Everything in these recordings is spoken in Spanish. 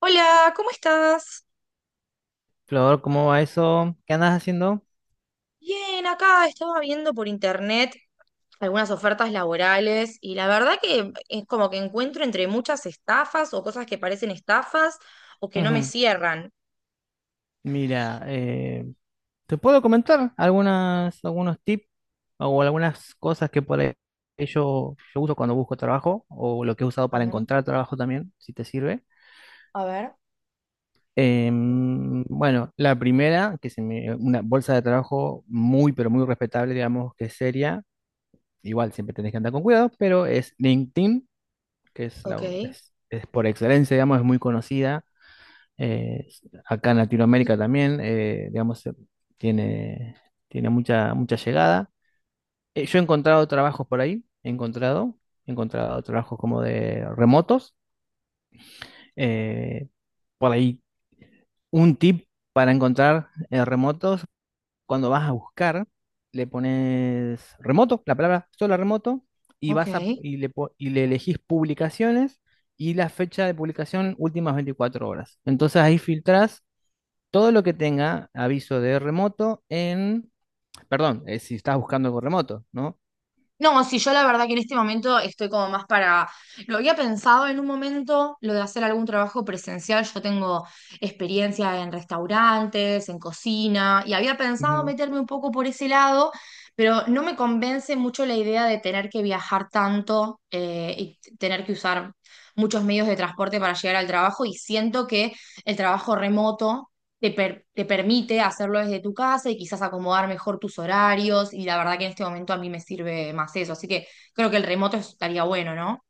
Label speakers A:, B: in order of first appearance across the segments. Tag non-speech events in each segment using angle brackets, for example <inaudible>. A: Hola, ¿cómo estás?
B: Flor, ¿cómo va eso? ¿Qué andas haciendo?
A: Bien, acá estaba viendo por internet algunas ofertas laborales y la verdad que es como que encuentro entre muchas estafas o cosas que parecen estafas o que no me
B: Ujú.
A: cierran.
B: Mira, te puedo comentar algunos tips o algunas cosas que por ahí yo uso cuando busco trabajo o lo que he usado
A: A
B: para
A: ver,
B: encontrar trabajo también, si te sirve.
A: a ver.
B: Bueno, la primera, que es una bolsa de trabajo muy, pero muy respetable, digamos que es seria, igual siempre tenés que andar con cuidado, pero es LinkedIn,
A: Ok,
B: es por excelencia, digamos, es muy conocida. Eh, acá en Latinoamérica también, digamos, tiene, tiene mucha, mucha llegada. Yo he encontrado trabajos por ahí, he encontrado trabajos como de remotos. Eh, por ahí, un tip para encontrar remotos, cuando vas a buscar, le pones remoto, la palabra sola remoto, y vas a,
A: ok.
B: y le, po- y le elegís publicaciones y la fecha de publicación últimas 24 horas. Entonces ahí filtrás todo lo que tenga aviso de remoto perdón, si estás buscando algo remoto, ¿no?
A: No, sí, yo la verdad que en este momento estoy como más para. Lo había pensado en un momento, lo de hacer algún trabajo presencial. Yo tengo experiencia en restaurantes, en cocina, y había pensado
B: Ujú.
A: meterme un poco por ese lado, pero no me convence mucho la idea de tener que viajar tanto y tener que usar muchos medios de transporte para llegar al trabajo, y siento que el trabajo remoto te permite hacerlo desde tu casa y quizás acomodar mejor tus horarios y la verdad que en este momento a mí me sirve más eso, así que creo que el remoto estaría bueno, ¿no?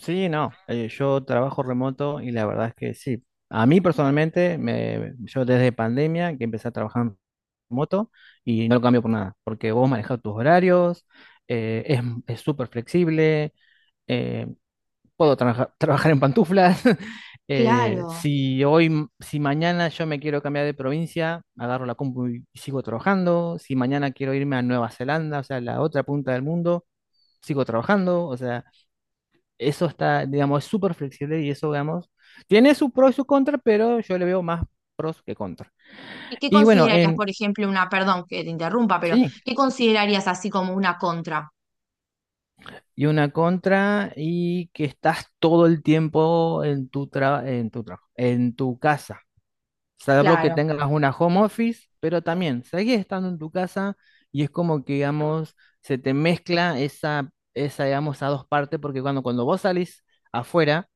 B: Sí, no, yo trabajo remoto y la verdad es que sí. A mí personalmente, yo desde pandemia que empecé a trabajar remoto y no lo cambio por nada, porque vos manejas tus horarios, eh, es es súper flexible. eh, puedo trabajar en pantuflas. <laughs> Eh,
A: Claro.
B: si hoy, si mañana yo me quiero cambiar de provincia, agarro la compu y sigo trabajando. Si mañana quiero irme a Nueva Zelanda, o sea, la otra punta del mundo, sigo trabajando. O sea, eso está, digamos, es súper flexible y eso, digamos, tiene su pro y su contra, pero yo le veo más pros que contra.
A: ¿Y qué
B: Y bueno,
A: considerarías, por ejemplo, perdón que te interrumpa, pero
B: sí,
A: qué considerarías así como una contra?
B: y una contra y que estás todo el tiempo en en tu trabajo, en tu casa. Salvo que
A: Claro.
B: tengas una home office, pero también seguís estando en tu casa y es como que, digamos, se te mezcla esa digamos, a dos partes, porque cuando vos salís afuera,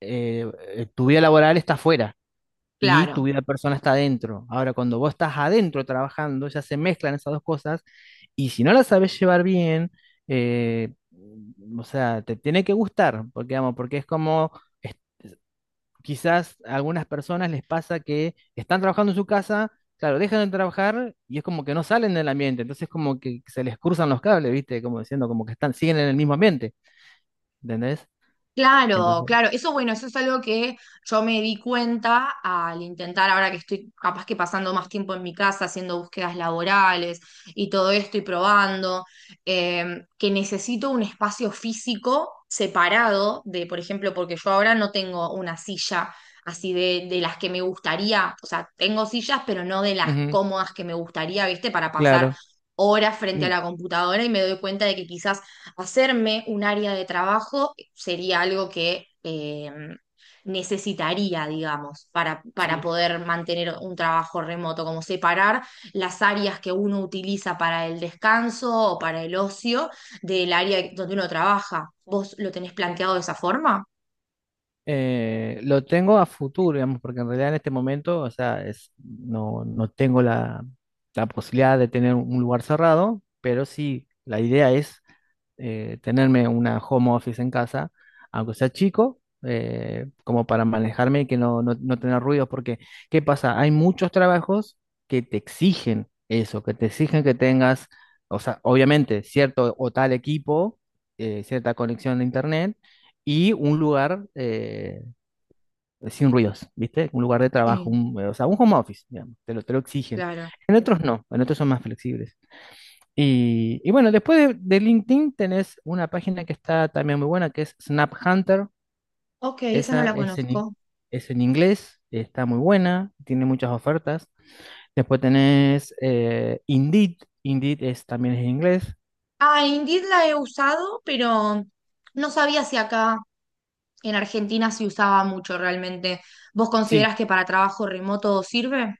B: tu vida laboral está afuera y tu
A: Claro.
B: vida personal está adentro. Ahora, cuando vos estás adentro trabajando, ya se mezclan esas dos cosas y si no las sabes llevar bien, eh, o sea, te tiene que gustar, porque, digamos, porque es como quizás a algunas personas les pasa que están trabajando en su casa, claro, dejan de trabajar y es como que no salen del ambiente, entonces como que se les cruzan los cables, ¿viste? Como diciendo, como que están, siguen en el mismo ambiente, ¿entendés?
A: Claro,
B: Entonces,
A: claro, eso bueno, eso es algo que yo me di cuenta al intentar, ahora que estoy capaz que pasando más tiempo en mi casa haciendo búsquedas laborales y todo esto y probando, que necesito un espacio físico separado de, por ejemplo, porque yo ahora no tengo una silla así de las que me gustaría, o sea, tengo sillas, pero no de las
B: ujú,
A: cómodas que me gustaría, ¿viste? Para pasar
B: claro.
A: horas frente a
B: Mm.
A: la computadora y me doy cuenta de que quizás hacerme un área de trabajo sería algo que necesitaría, digamos, para
B: Sí.
A: poder mantener un trabajo remoto, como separar las áreas que uno utiliza para el descanso o para el ocio del área donde uno trabaja. ¿Vos lo tenés planteado de esa forma?
B: Lo tengo a futuro, digamos, porque en realidad en este momento, o sea, es, no, no tengo la posibilidad de tener un lugar cerrado, pero sí, la idea es tenerme una home office en casa, aunque sea chico, como para manejarme y que no, no, no tener ruidos, porque ¿qué pasa? Hay muchos trabajos que te exigen eso, que te exigen que tengas, o sea, obviamente, cierto o tal equipo, cierta conexión de internet. Y un lugar sin ruidos, ¿viste? Un lugar de trabajo,
A: Sí,
B: o sea, un home office, digamos, te lo exigen.
A: claro.
B: En otros no, en otros son más flexibles. Bueno, después de LinkedIn tenés una página que está también muy buena, que es Snap Hunter.
A: Ok, esa no
B: Esa
A: la
B: es
A: conozco.
B: es en inglés, está muy buena, tiene muchas ofertas. Después tenés Indeed. Indeed también es en inglés.
A: Ah, Indeed la he usado, pero no sabía si acá en Argentina se usaba mucho realmente. ¿Vos
B: Sí,
A: considerás que para trabajo remoto sirve?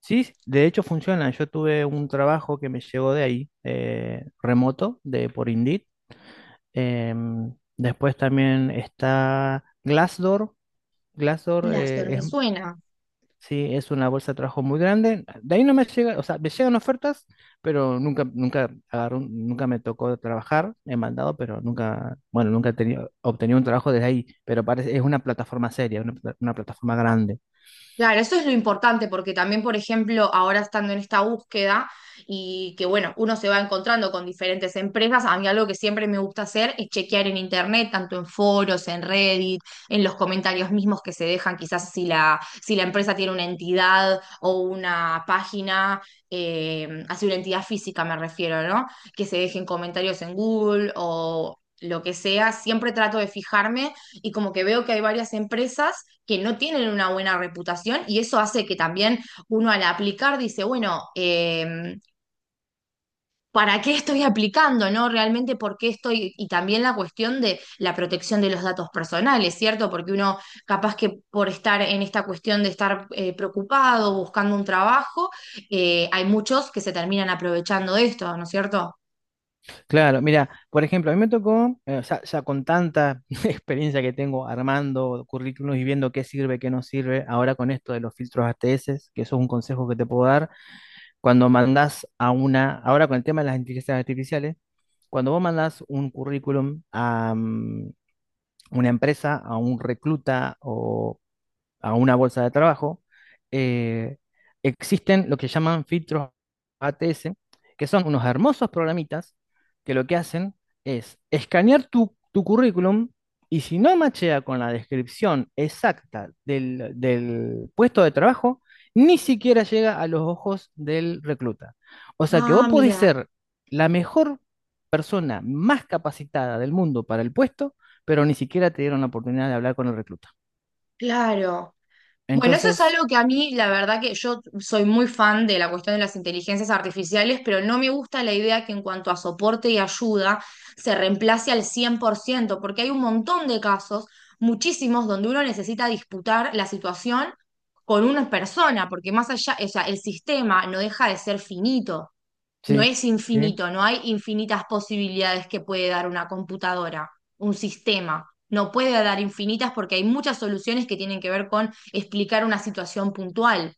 B: sí, de hecho funciona. Yo tuve un trabajo que me llegó de ahí, remoto, por Indeed. Después también está Glassdoor. Glassdoor
A: Glassdoor me
B: es.
A: suena.
B: Sí, es una bolsa de trabajo muy grande. De ahí no me llega, o sea, me llegan ofertas, pero nunca, nunca agarro nunca me tocó trabajar, he mandado, pero nunca, bueno, nunca he tenido, obtenido un trabajo desde ahí, pero parece, es una plataforma seria, una plataforma grande.
A: Claro, eso es lo importante, porque también, por ejemplo, ahora estando en esta búsqueda y que, bueno, uno se va encontrando con diferentes empresas, a mí algo que siempre me gusta hacer es chequear en internet, tanto en foros, en Reddit, en los comentarios mismos que se dejan, quizás si la empresa tiene una entidad o una página, así una entidad física me refiero, ¿no? Que se dejen comentarios en Google o lo que sea, siempre trato de fijarme y como que veo que hay varias empresas que no tienen una buena reputación y eso hace que también uno al aplicar dice, bueno, ¿para qué estoy aplicando? ¿No? Realmente, ¿por qué estoy? Y también la cuestión de la protección de los datos personales, ¿cierto? Porque uno capaz que por estar en esta cuestión de estar preocupado, buscando un trabajo, hay muchos que se terminan aprovechando de esto, ¿no es cierto?
B: Claro, mira, por ejemplo, a mí me tocó, o sea, ya con tanta <laughs> experiencia que tengo armando currículos y viendo qué sirve, qué no sirve, ahora con esto de los filtros ATS, que eso es un consejo que te puedo dar. Cuando mandas a una, ahora con el tema de las inteligencias artificiales, cuando vos mandás un currículum a una empresa, a un recluta o a una bolsa de trabajo, eh, existen lo que llaman filtros ATS, que son unos hermosos programitas que lo que hacen es escanear tu currículum y si no machea con la descripción exacta del puesto de trabajo, ni siquiera llega a los ojos del recluta. O sea que vos
A: Ah,
B: podés
A: mira,
B: ser la mejor persona más capacitada del mundo para el puesto, pero ni siquiera te dieron la oportunidad de hablar con el recluta.
A: claro. Bueno, eso es
B: Entonces,
A: algo que a mí, la verdad que yo soy muy fan de la cuestión de las inteligencias artificiales, pero no me gusta la idea que en cuanto a soporte y ayuda se reemplace al 100%, porque hay un montón de casos, muchísimos, donde uno necesita disputar la situación con una persona, porque más allá, o sea, el sistema no deja de ser finito. No
B: sí.
A: es
B: ¿Sí?
A: infinito, no hay infinitas posibilidades que puede dar una computadora, un sistema. No puede dar infinitas porque hay muchas soluciones que tienen que ver con explicar una situación puntual.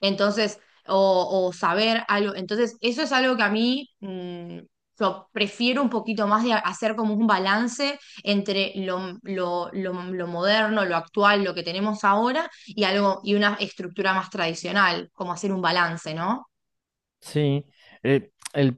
A: Entonces, o saber algo. Entonces, eso es algo que a mí, yo prefiero un poquito más de hacer como un balance entre lo moderno, lo actual, lo que tenemos ahora y y una estructura más tradicional, como hacer un balance, ¿no?
B: Sí. El, el-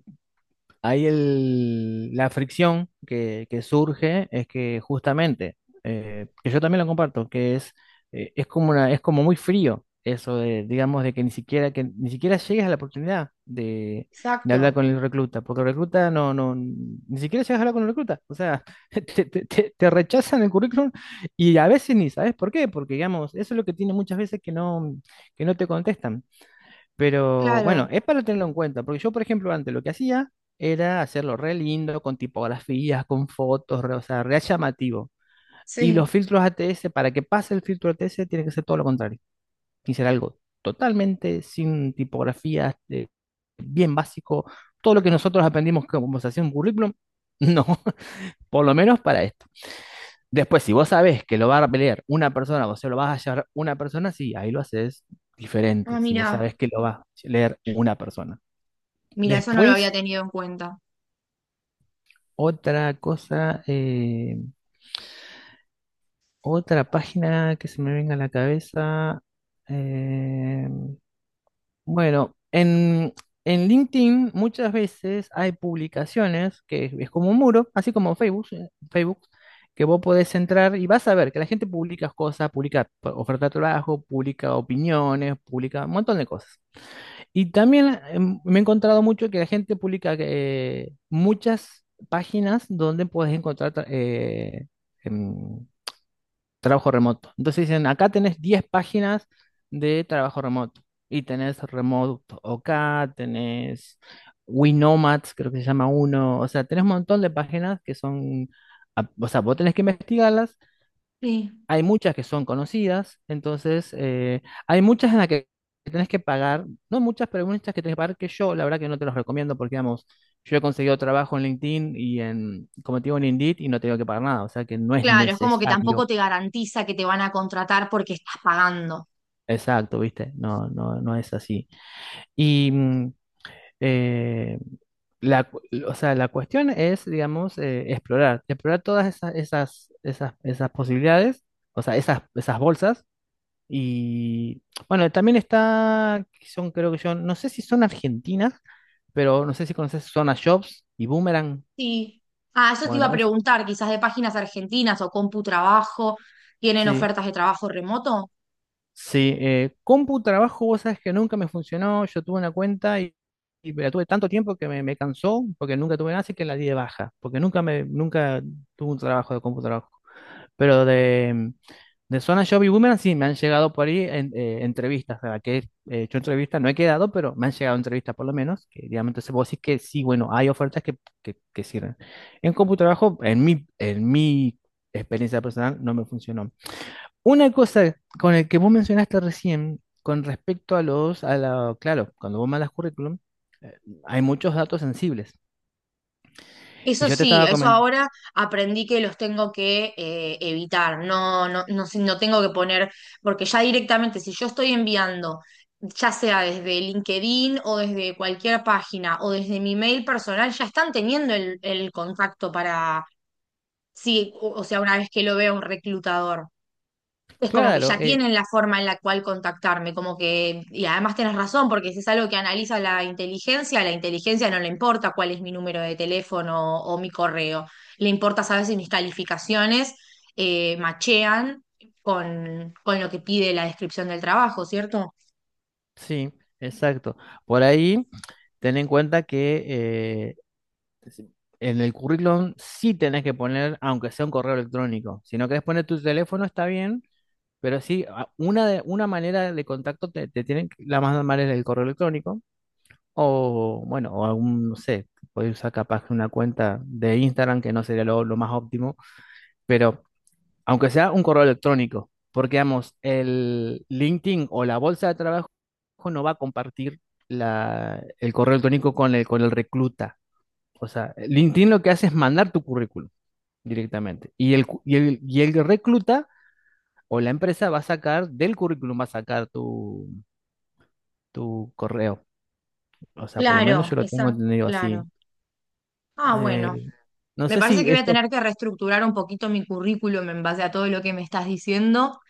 B: ahí la fricción que surge es que justamente, que yo también lo comparto, es como una, es como muy frío eso de, digamos, de que ni siquiera llegues a la oportunidad de hablar
A: Exacto.
B: con el recluta, porque el recluta no, no, ni siquiera llegas a hablar con el recluta. O sea, <laughs> te rechazan el currículum y a veces ni sabes por qué, porque digamos, eso es lo que tiene muchas veces que no te contestan. Pero bueno,
A: Claro,
B: es para tenerlo en cuenta, porque yo, por ejemplo, antes lo que hacía era hacerlo re lindo, con tipografías, con fotos, o sea, re llamativo. Y los
A: sí.
B: filtros ATS, para que pase el filtro ATS, tiene que ser todo lo contrario. Y ser algo totalmente sin tipografías, bien básico. Todo lo que nosotros aprendimos como se hacía un currículum, <laughs> no, por lo menos para esto. Después, si vos sabés que lo va a leer una persona, vos se lo vas a llevar una persona, sí, ahí lo haces
A: Ah,
B: diferente. Si vos
A: mira.
B: sabés que lo va a leer una persona.
A: Mira, eso no lo había
B: Después,
A: tenido en cuenta.
B: otra cosa, otra página que se me venga a la cabeza. eh, bueno, en, en LinkedIn muchas veces hay publicaciones que es como un muro, así como Facebook, que vos podés entrar y vas a ver que la gente publica cosas, publica oferta de trabajo, publica opiniones, publica un montón de cosas. Y también me he encontrado mucho que la gente publica muchas páginas donde puedes encontrar em, trabajo remoto. Entonces dicen, acá tenés 10 páginas de trabajo remoto. Y tenés Remote OK, tenés Winomads, creo que se llama uno. O sea, tenés un montón de páginas que son, o sea, vos tenés que investigarlas.
A: Sí.
B: Hay muchas que son conocidas, entonces hay muchas en las que tenés que pagar, no muchas, pero hay muchas que tenés que pagar que yo, la verdad que no te los recomiendo porque, digamos, yo he conseguido trabajo en LinkedIn y en, como te digo, en Indeed y no tengo que pagar nada, o sea que no es
A: Claro, es como que tampoco
B: necesario.
A: te garantiza que te van a contratar porque estás pagando.
B: Exacto, ¿viste? No, no, no es así. Y mm, eh, la, o sea, la cuestión es, digamos, explorar, explorar todas esas, esas posibilidades, o sea, esas bolsas. Y bueno, también está, que son creo que yo, no sé si son argentinas, pero no sé si conoces Zona Jobs y Boomerang.
A: Sí. Ah, eso te iba
B: Bueno,
A: a preguntar, quizás de páginas argentinas o CompuTrabajo, ¿tienen
B: sí,
A: ofertas de trabajo remoto?
B: sí. Compu Trabajo, vos sabes que nunca me funcionó. Yo tuve una cuenta y la tuve tanto tiempo que me cansó, porque nunca tuve nada, así que la di de baja, porque nunca tuve un trabajo de Compu Trabajo. Pero de Zona Job y Boomerang sí, me han llegado por ahí entrevistas, o que he hecho entrevistas, no he quedado, pero me han llegado entrevistas por lo menos, que digamos, entonces vos decís que sí, bueno, hay ofertas que, que sirven. En CompuTrabajo, en mi experiencia personal, no me funcionó. Una cosa con el que vos mencionaste recién, con respecto a los, a la, claro, cuando vos mandas currículum, eh, hay muchos datos sensibles. Y
A: Eso
B: yo te
A: sí,
B: estaba
A: eso
B: comentando,
A: ahora aprendí que los tengo que evitar, no, no, no, no tengo que poner, porque ya directamente, si yo estoy enviando, ya sea desde LinkedIn o desde cualquier página o desde mi mail personal, ya están teniendo el contacto para, sí, o sea, una vez que lo vea un reclutador es como que
B: claro,
A: ya tienen la forma en la cual contactarme, como que, y además tenés razón, porque si es algo que analiza la inteligencia, a la inteligencia no le importa cuál es mi número de teléfono o, mi correo, le importa saber si mis calificaciones machean con lo que pide la descripción del trabajo, ¿cierto?
B: sí, exacto. Por ahí... Ten en cuenta que si- En el currículum sí tenés que poner, aunque sea un correo electrónico. Si no querés poner tu teléfono, está bien, pero sí, una manera de contacto te tienen, la más normal es el correo electrónico, o bueno, o algún, no sé, podés usar capaz una cuenta de Instagram, que no sería lo más óptimo, pero aunque sea un correo electrónico, porque vamos, el LinkedIn o la bolsa de trabajo no va a compartir el correo electrónico con con el recluta. O sea, LinkedIn lo que hace es mandar tu currículum directamente. Y el, cu- y el, Y el recluta o la empresa va a sacar, del currículum va a sacar tu correo. O sea, por lo menos
A: Claro,
B: yo lo tengo entendido así.
A: claro. Ah,
B: Eh,
A: bueno,
B: no
A: me
B: sé
A: parece
B: si
A: que voy a
B: esto.
A: tener que reestructurar un poquito mi currículum en base a todo lo que me estás diciendo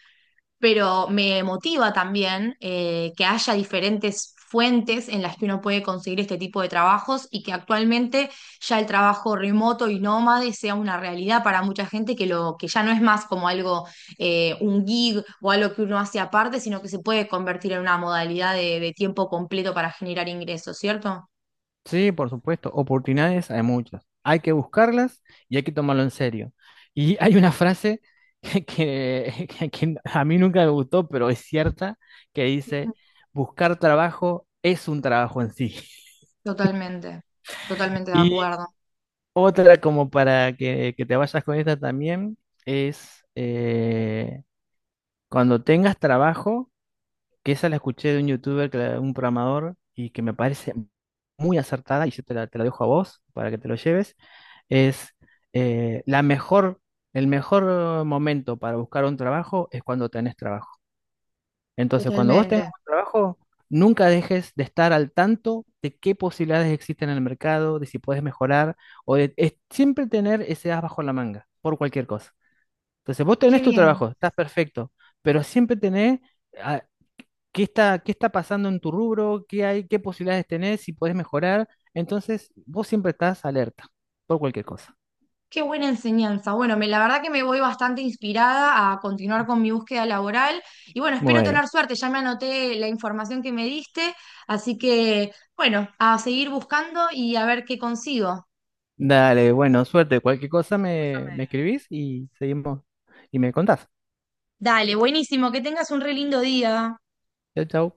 A: pero me motiva también que haya diferentes fuentes en las que uno puede conseguir este tipo de trabajos y que actualmente ya el trabajo remoto y nómade sea una realidad para mucha gente que lo que ya no es más como algo un gig o algo que uno hace aparte, sino que se puede convertir en una modalidad de tiempo completo para generar ingresos, ¿cierto?
B: Sí, por supuesto, oportunidades hay muchas. Hay que buscarlas y hay que tomarlo en serio. Y hay una frase <laughs> que a mí nunca me gustó, pero es cierta, que
A: Ujú.
B: dice, buscar trabajo es un trabajo en sí. <laughs>
A: Totalmente, totalmente de
B: Y
A: acuerdo.
B: otra como para que te vayas con esta también es cuando tengas trabajo, que esa la escuché de un youtuber, un programador, y que me parece muy acertada, y yo te la dejo a vos para que te lo lleves, es eh, la mejor, el mejor momento para buscar un trabajo es cuando tenés trabajo. Entonces, cuando vos tengas
A: Totalmente.
B: un trabajo, nunca dejes de estar al tanto de qué posibilidades existen en el mercado, de si puedes mejorar, o de es siempre tener ese as bajo la manga por cualquier cosa. Entonces, vos
A: Qué
B: tenés tu
A: bien.
B: trabajo, estás perfecto, pero siempre tenés ah, qué está, pasando en tu rubro, qué hay, qué posibilidades tenés, si puedes mejorar. Entonces, vos siempre estás alerta por cualquier cosa.
A: Qué buena enseñanza. Bueno, la verdad que me voy bastante inspirada a continuar con mi búsqueda laboral y bueno, espero
B: Bueno,
A: tener suerte. Ya me anoté la información que me diste, así que bueno, a seguir buscando y a ver qué consigo.
B: dale, bueno, suerte. Cualquier cosa me escribís y seguimos y me contás.
A: Dale, buenísimo, que tengas un re lindo día.
B: Chau. Chao.